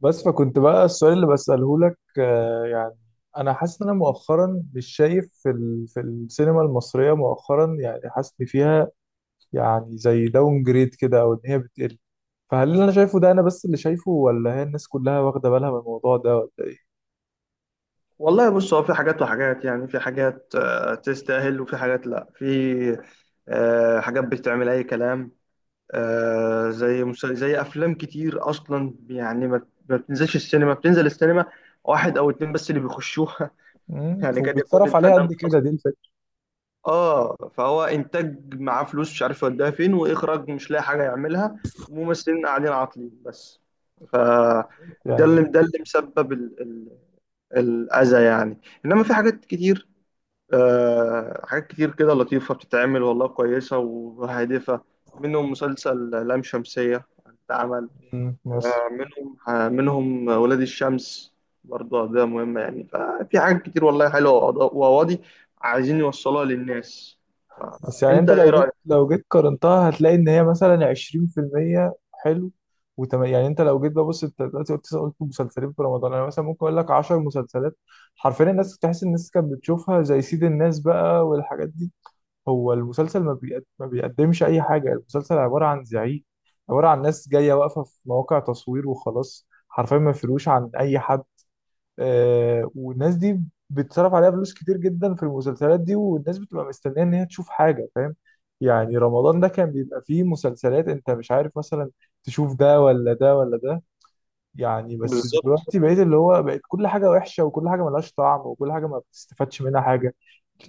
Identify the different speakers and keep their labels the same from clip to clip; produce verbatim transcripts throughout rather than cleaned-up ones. Speaker 1: بس فكنت بقى السؤال اللي بسأله لك آه، يعني انا حاسس ان انا مؤخرا مش شايف في ال... في السينما المصرية مؤخرا، يعني حاسس ان فيها يعني زي داون جريد كده، او ان هي بتقل. فهل اللي انا شايفه ده انا بس اللي شايفه، ولا هي الناس كلها واخدة بالها من الموضوع ده، ولا ايه؟
Speaker 2: والله بص، هو في حاجات وحاجات. يعني في حاجات، آه، تستاهل، وفي حاجات لا. في آه، حاجات بتعمل اي كلام، آه، زي مس- زي افلام كتير اصلا يعني ما ما بتنزلش السينما، بتنزل السينما واحد او اتنين بس اللي بيخشوها.
Speaker 1: مم،
Speaker 2: يعني قد يكون
Speaker 1: وبيتصرف عليها
Speaker 2: الفنان
Speaker 1: قد
Speaker 2: ده
Speaker 1: كده؟
Speaker 2: اصلا
Speaker 1: دي الفكرة
Speaker 2: اه، فهو انتاج معاه فلوس مش عارف يوديها فين، واخراج مش لاقي حاجه يعملها، وممثلين قاعدين عاطلين بس. ف ده
Speaker 1: يعني.
Speaker 2: اللي ده اللي مسبب ال- ال- الاذى يعني. انما في حاجات كتير، آه، حاجات كتير كده لطيفة بتتعمل والله، كويسة وهادفة. منهم مسلسل لام شمسية، اتعمل.
Speaker 1: مم، مصر.
Speaker 2: آه، منهم آه، منهم ولاد الشمس، برضه ده مهم. يعني ففي حاجات كتير والله حلوة، وقضا- وقواضي عايزين يوصلوها للناس.
Speaker 1: بس يعني
Speaker 2: انت
Speaker 1: انت
Speaker 2: ايه
Speaker 1: لو جيت
Speaker 2: رأيك؟
Speaker 1: لو جيت قارنتها هتلاقي ان هي مثلا عشرين في المية حلو وتم... يعني انت لو جيت ببص انت دلوقتي قلت قلت مسلسلين في رمضان، انا مثلا ممكن اقول لك عشر مسلسلات حرفيا الناس تحس. الناس كانت بتشوفها زي سيد الناس بقى والحاجات دي. هو المسلسل ما, بيقد... ما بيقدمش اي حاجه. المسلسل عباره عن زعيق، عباره عن ناس جايه واقفه في مواقع تصوير وخلاص، حرفيا ما فيروش عن اي حد. آه والناس دي بيتصرف عليها فلوس كتير جدا في المسلسلات دي، والناس بتبقى مستنيه ان هي تشوف حاجه، فاهم؟ يعني رمضان ده كان بيبقى فيه مسلسلات انت مش عارف مثلا تشوف ده ولا ده ولا ده، يعني. بس
Speaker 2: بالظبط.
Speaker 1: دلوقتي بقيت اللي هو بقت كل حاجه وحشه، وكل حاجه ملهاش طعم، وكل حاجه ما بتستفادش منها حاجه.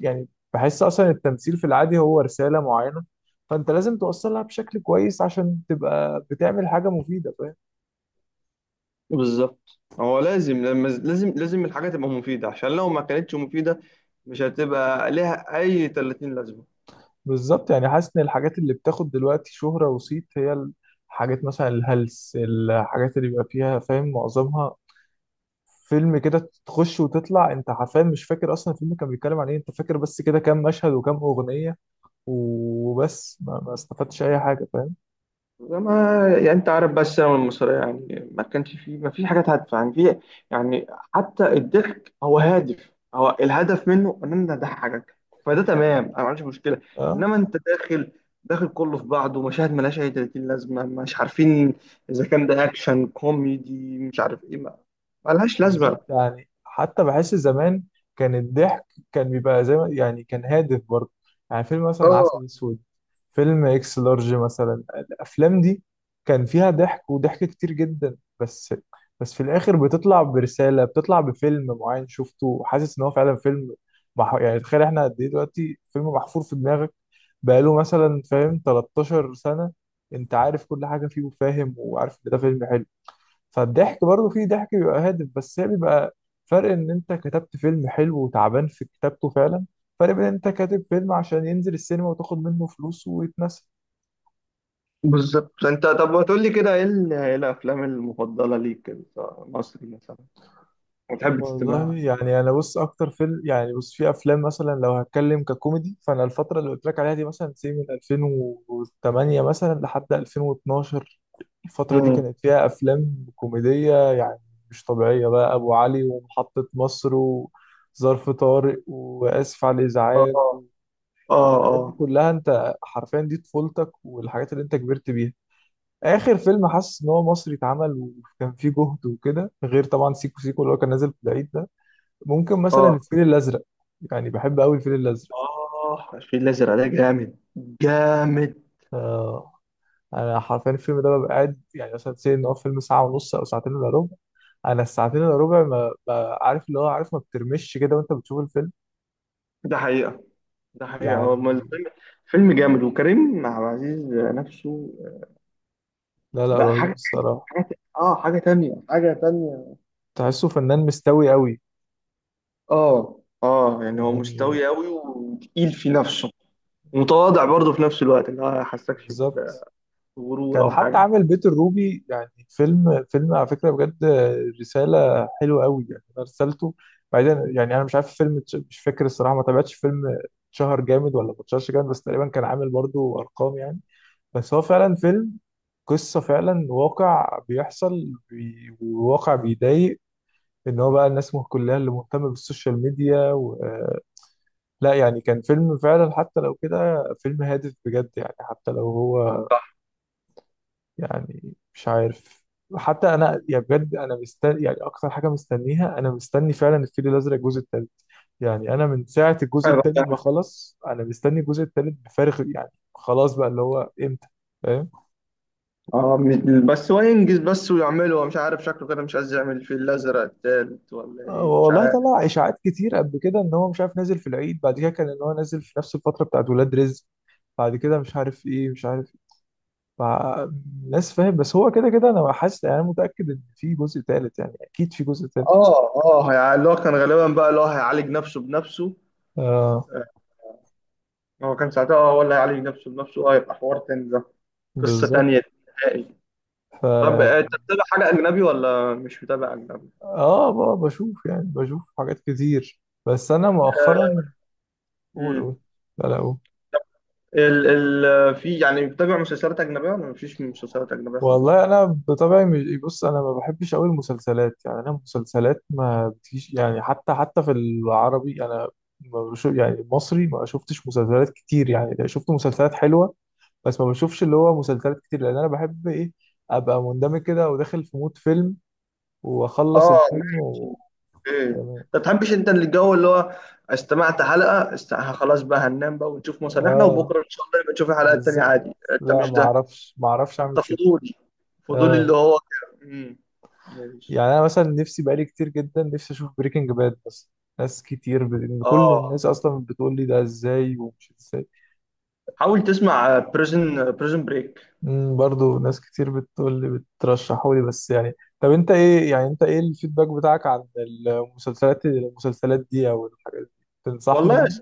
Speaker 1: يعني بحس اصلا التمثيل في العادي هو رساله معينه، فانت لازم توصلها بشكل كويس عشان تبقى بتعمل حاجه مفيده، فاهم؟
Speaker 2: بالظبط، هو لازم، لما لازم لازم الحاجة تبقى مفيدة، عشان لو ما كانتش مفيدة مش هتبقى ليها أي تلاتين لازمة.
Speaker 1: بالظبط. يعني حاسس ان الحاجات اللي بتاخد دلوقتي شهرة وصيت هي الحاجات مثلا الهلس، الحاجات اللي بيبقى فيها فاهم معظمها فيلم كده تخش وتطلع، انت حرفيا مش فاكر اصلا الفيلم كان بيتكلم عن ايه. انت فاكر بس كده كام مشهد وكام اغنية وبس، ما, ما استفدتش اي حاجة، فاهم.
Speaker 2: ما يعني انت عارف بقى، السينما المصريه يعني ما كانش فيه، ما فيش حاجات هادفه يعني. في يعني حتى الضحك هو هادف، هو الهدف منه ان انا اضحكك، فده تمام، انا ما عنديش مشكله.
Speaker 1: اه
Speaker 2: انما انت داخل، داخل كله في بعضه، مشاهد ملهاش اي تلاتين لازمه، مش عارفين اذا كان ده اكشن كوميدي مش عارف ايه، ما ملهاش
Speaker 1: بالظبط.
Speaker 2: لازمه.
Speaker 1: يعني حتى بحس زمان كان الضحك كان بيبقى زي ما يعني كان هادف برضه. يعني فيلم مثلا
Speaker 2: اه
Speaker 1: عسل اسود، فيلم اكس لارج مثلا. الافلام دي كان فيها ضحك، وضحك كتير جدا، بس بس في الاخر بتطلع برسالة، بتطلع بفيلم معين شفته وحاسس ان هو فعلا فيلم. مح... يعني تخيل احنا قد ايه دلوقتي فيلم محفور في دماغك بقاله مثلا فاهم 13 سنة. انت عارف كل حاجة فيه وفاهم، وعارف ان ده فيلم حلو. فالضحك برضه فيه ضحك بيبقى هادف، بس هي بيبقى فرق ان انت كتبت فيلم حلو وتعبان في كتابته فعلا، فرق بين ان انت كاتب فيلم عشان ينزل السينما وتاخد منه فلوس ويتنسى.
Speaker 2: بالظبط. انت طب ما تقول لي كده، ايه ال- ايه الافلام المفضله ليك كده، مصري مثلا، وتحب
Speaker 1: والله
Speaker 2: تستمعها.
Speaker 1: يعني انا بص اكتر فيلم، يعني بص في افلام مثلا لو هتكلم ككوميدي، فانا الفتره اللي قلت لك عليها دي مثلا سي من ألفين وتمانية مثلا لحد ألفين واتناشر، الفتره دي
Speaker 2: امم.
Speaker 1: كانت فيها افلام كوميديه يعني مش طبيعيه بقى. ابو علي، ومحطه مصر، و... ظرف طارق، وآسف على
Speaker 2: اه
Speaker 1: الإزعاج،
Speaker 2: اه.
Speaker 1: الحاجات دي
Speaker 2: اه
Speaker 1: كلها، انت حرفيا دي طفولتك، والحاجات اللي انت كبرت بيها. اخر فيلم حاسس ان هو مصري اتعمل وكان فيه جهد وكده، غير طبعا سيكو سيكو اللي هو كان نازل في العيد ده، ممكن مثلا
Speaker 2: اه،
Speaker 1: الفيل الازرق. يعني بحب قوي الفيل الازرق.
Speaker 2: اه الفيل الازرق ده جامد، جامد.
Speaker 1: آه، انا حرفيا الفيلم ده ببقى قاعد، يعني مثلا سي ان هو فيلم ساعه ونص او ساعتين الا ربع، انا الساعتين الا ربع ما ما- عارف اللي هو عارف، ما بترمش كده وانت بتشوف الفيلم
Speaker 2: ده حقيقه، ده حقيقه، هو ما
Speaker 1: يعني.
Speaker 2: الفيلم فيلم جامد. وكريم عبد العزيز نفسه،
Speaker 1: لا لا،
Speaker 2: لا
Speaker 1: رهيب
Speaker 2: حاجه،
Speaker 1: الصراحه.
Speaker 2: حاجه، اه حاجه تانية، حاجه تانية.
Speaker 1: تحسه فنان مستوي قوي
Speaker 2: اه اه، يعني هو
Speaker 1: يعني،
Speaker 2: مستوي قوي وتقيل في نفسه، ومتواضع برضه في نفس الوقت، اللي هو ما يحسكش
Speaker 1: بالظبط.
Speaker 2: بغرور
Speaker 1: كان
Speaker 2: او
Speaker 1: حتى
Speaker 2: حاجه.
Speaker 1: عامل بيت الروبي، يعني فيلم فيلم على فكرة بجد، رسالة حلوة قوي يعني، أنا رسالته. بعدين يعني أنا مش عارف الفيلم اتش- مش فاكر الصراحة، ما تابعتش فيلم اتشهر جامد ولا ما اتشهرش جامد، بس تقريبا كان عامل برضو أرقام يعني. بس هو فعلا فيلم قصة، فعلا واقع بيحصل بي- وواقع بيضايق، إن هو بقى الناس كلها اللي مهتمة بالسوشيال ميديا و... لا يعني كان فيلم فعلا، حتى لو كده فيلم هادف بجد، يعني حتى لو هو
Speaker 2: صح.
Speaker 1: يعني، مش عارف. حتى انا يعني بجد انا مستني، يعني اكتر حاجه مستنيها انا مستني فعلا الفيل الازرق الجزء الثالث. يعني انا من ساعه الجزء الثاني ما خلص، انا مستني الجزء الثالث بفارغ، يعني خلاص بقى اللي هو امتى، فاهم.
Speaker 2: اه مش- بس هو ينجز بس ويعمله، هو مش عارف شكله كده مش عايز يعمل الفيل الازرق التالت ولا
Speaker 1: آه،
Speaker 2: ايه مش
Speaker 1: والله
Speaker 2: عارف.
Speaker 1: طلع اشاعات كتير قبل كده، ان هو مش عارف نازل في العيد، بعد كده كان ان هو نازل في نفس الفتره بتاعت ولاد رزق، بعد كده مش عارف ايه مش عارف إيه، مع ناس فاهم. بس هو كده كده انا حاسس، يعني أنا متاكد ان في جزء ثالث، يعني اكيد في جزء ثالث.
Speaker 2: اه اه، يعني اللي هو كان غالبا بقى اللي هو هيعالج نفسه بنفسه.
Speaker 1: آه
Speaker 2: آه، هو كان ساعتها، اه هو اللي هيعالج نفسه بنفسه، اه يبقى حوار تاني ده، قصة
Speaker 1: بالظبط.
Speaker 2: تانية نهائي.
Speaker 1: ف
Speaker 2: طب آه، انت بتتابع حاجة أجنبي ولا مش متابع أجنبي؟
Speaker 1: اه ب- بشوف يعني، بشوف حاجات كتير، بس انا مؤخرا. قول
Speaker 2: امم.
Speaker 1: قول. لا لا قول.
Speaker 2: ال ال في يعني، بتابع مسلسلات أجنبية ولا مفيش مسلسلات أجنبية خالص؟
Speaker 1: والله انا بطبعي مش بص، انا ما بحبش قوي المسلسلات يعني، انا المسلسلات ما بتجيش يعني، حتى حتى في العربي، انا ما بشوف يعني. المصري ما شفتش مسلسلات كتير، يعني لا، شفت مسلسلات حلوه، بس ما بشوفش اللي هو مسلسلات كتير. لان انا بحب ايه؟ ابقى مندمج كده وداخل في مود فيلم واخلص
Speaker 2: اه،
Speaker 1: الفيلم
Speaker 2: ماشي،
Speaker 1: و...
Speaker 2: اوكي.
Speaker 1: تمام.
Speaker 2: ما تحبش انت اللي الجو اللي هو، استمعت حلقة است... خلاص بقى، هننام بقى ونشوف مصالحنا،
Speaker 1: اه
Speaker 2: وبكرة ان شاء الله يبقى تشوف الحلقة التانية
Speaker 1: بالظبط،
Speaker 2: عادي، انت
Speaker 1: لا
Speaker 2: مش
Speaker 1: ما
Speaker 2: ده.
Speaker 1: اعرفش ما اعرفش اعمل
Speaker 2: انت
Speaker 1: كده.
Speaker 2: فضولي، فضولي اللي
Speaker 1: اه
Speaker 2: هو كده. امم، ماشي.
Speaker 1: يعني انا مثلا نفسي بقالي كتير جدا، نفسي اشوف بريكنج باد، بس ناس كتير ب... إن كل
Speaker 2: اه،
Speaker 1: الناس اصلا بتقول لي ده ازاي ومش ازاي.
Speaker 2: حاول تسمع بريزن بريزن بريك.
Speaker 1: امم برضو ناس كتير بتقول لي، بترشحوا لي، بس يعني. طب انت ايه، يعني انت ايه الفيدباك بتاعك عن المسلسلات المسلسلات دي، او الحاجات دي تنصحني
Speaker 2: والله
Speaker 1: يعني؟
Speaker 2: است...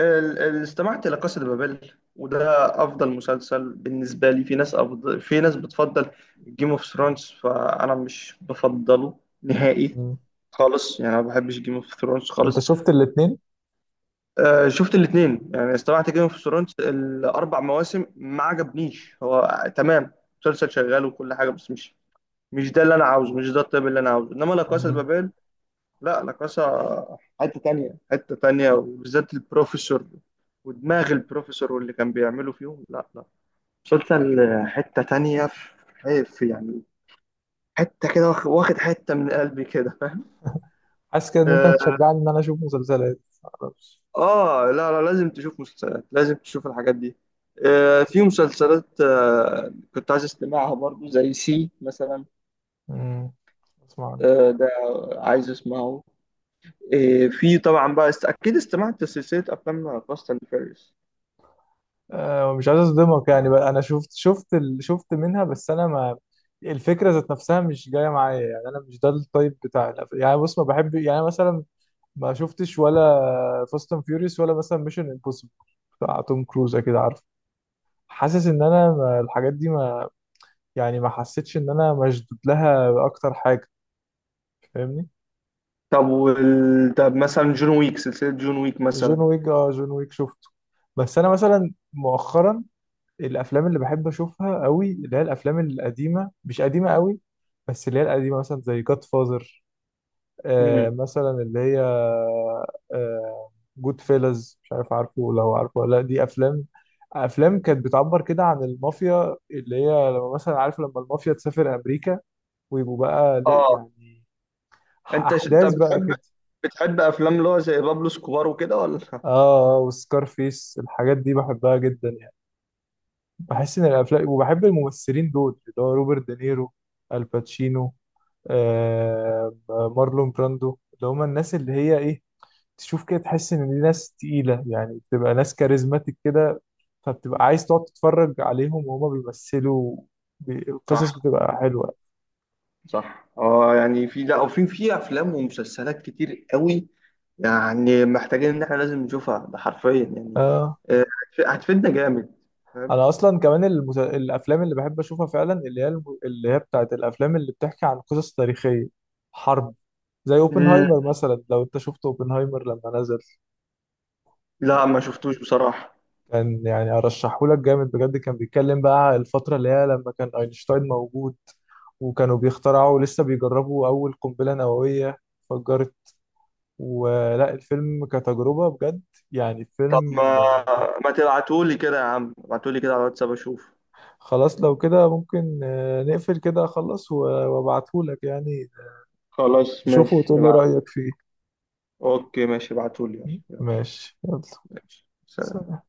Speaker 2: ال... ال... استمعت لقصة بابل، وده افضل مسلسل بالنسبة لي. في ناس أفضل... في ناس بتفضل جيم اوف ثرونز، فانا مش بفضله نهائي
Speaker 1: امم.
Speaker 2: خالص، يعني انا ما بحبش جيم اوف ثرونز
Speaker 1: انت
Speaker 2: خالص.
Speaker 1: شفت الاتنين؟
Speaker 2: آه شفت الاثنين، يعني استمعت جيم اوف ثرونز الاربع مواسم ما عجبنيش. هو تمام، مسلسل شغال وكل حاجة، بس مش، مش ده اللي انا عاوزه، مش ده الطيب اللي انا عاوزه. انما لا كاسا
Speaker 1: امم.
Speaker 2: بابيل، لا لا كاسا، حته تانية، حته تانية، وبالذات البروفيسور ودماغ البروفيسور واللي كان بيعمله فيهم، لا لا. مسلسل حته تانية، في حيف يعني، حته كده واخ- واخد حته من قلبي كده، فاهم.
Speaker 1: حاسس كده ان انت
Speaker 2: آه,
Speaker 1: هتشجعني ان انا اشوف مسلسلات، معرفش.
Speaker 2: اه لا لا لازم تشوف مسلسلات، لازم تشوف الحاجات دي. آه في مسلسلات، آه كنت عايز استمعها برضو، زي سي مثلا.
Speaker 1: امم اسمع.
Speaker 2: آه ده، عايز اسمعه. إيه، في طبعا بقى است... اكيد استمعت لسلسله افلام فاست اند فيريوس.
Speaker 1: آه، مش عايز اصدمك يعني، بقى انا شفت، شفت ال... شفت منها بس انا ما، الفكره ذات نفسها مش جايه معايا يعني. انا مش ده التايب بتاع الأف- يعني بص ما بحب يعني مثلا، ما شفتش ولا فاست اند فيوريوس، ولا مثلا ميشن امبوسيبل بتاع توم كروز كده، عارف؟ حاسس ان انا ما، الحاجات دي ما، يعني ما حسيتش ان انا مشدود لها اكتر حاجه، فاهمني.
Speaker 2: طب وال... طب مثلا جون ويك، سلسله جون ويك
Speaker 1: جون
Speaker 2: مثلا.
Speaker 1: ويك، اه جون ويك شفته. بس انا مثلا مؤخرا الافلام اللي بحب اشوفها قوي اللي هي الافلام القديمه، مش قديمه قوي بس اللي هي القديمه، مثلا زي جاد فازر، آه
Speaker 2: امم،
Speaker 1: مثلا اللي هي، آه جود فيلز، مش عارف عارفه ولا هو عارفه ولا لا، دي افلام، افلام كانت بتعبر كده عن المافيا، اللي هي لما مثلا عارف لما المافيا تسافر امريكا، ويبقوا بقى ل-
Speaker 2: اه
Speaker 1: يعني
Speaker 2: انت ش... طب
Speaker 1: احداث بقى
Speaker 2: بتحب،
Speaker 1: كده.
Speaker 2: بتحب افلام اللي هو زي بابلو سكوبار وكده، ولا
Speaker 1: اه وسكار فيس، الحاجات دي بحبها جدا يعني.
Speaker 2: مم.
Speaker 1: بحس ان الافلام، وبحب الممثلين دول، اللي هو روبرت دينيرو، الباتشينو، آه، مارلون براندو، اللي هما الناس اللي هي ايه، تشوف كده تحس ان دي ناس تقيلة يعني، بتبقى ناس كاريزماتيك كده، فبتبقى عايز تقعد تتفرج عليهم وهما بيمثلوا. بي- القصص
Speaker 2: صح،
Speaker 1: بتبقى حلوة.
Speaker 2: صح اه. يعني في لا، وفي في في افلام ومسلسلات كتير قوي، يعني محتاجين ان احنا لازم نشوفها، ده حرفيا يعني.
Speaker 1: آه.
Speaker 2: آه، هتف- هتفيدنا جامد، فاهم.
Speaker 1: انا اصلا كمان المس... الافلام اللي بحب اشوفها فعلا اللي هي الم... اللي هي بتاعت الافلام اللي بتحكي عن قصص تاريخية، حرب، زي
Speaker 2: مم.
Speaker 1: اوبنهايمر مثلا. لو انت شفت اوبنهايمر لما نزل.
Speaker 2: لا ما شفتوش بصراحه.
Speaker 1: كان يعني ارشحه لك جامد بجد، كان بيتكلم بقى على الفتره اللي هي لما كان اينشتاين موجود، وكانوا بيخترعوا، لسه بيجربوا اول قنبله نوويه فجرت، ولا الفيلم كتجربه بجد يعني
Speaker 2: طب
Speaker 1: فيلم.
Speaker 2: ما ما تبعتولي كده يا عم، ابعتولي كده على الواتساب اشوف.
Speaker 1: خلاص لو كده ممكن آه، نقفل كده اخلص و- وابعته لك يعني،
Speaker 2: خلاص
Speaker 1: تشوفه
Speaker 2: ماشي
Speaker 1: وتقولي
Speaker 2: ابعت.
Speaker 1: رايك فيه.
Speaker 2: اوكي ماشي ابعتولي، يلا يلا.
Speaker 1: ماشي يلا،
Speaker 2: ماشي، سلام.
Speaker 1: سلام.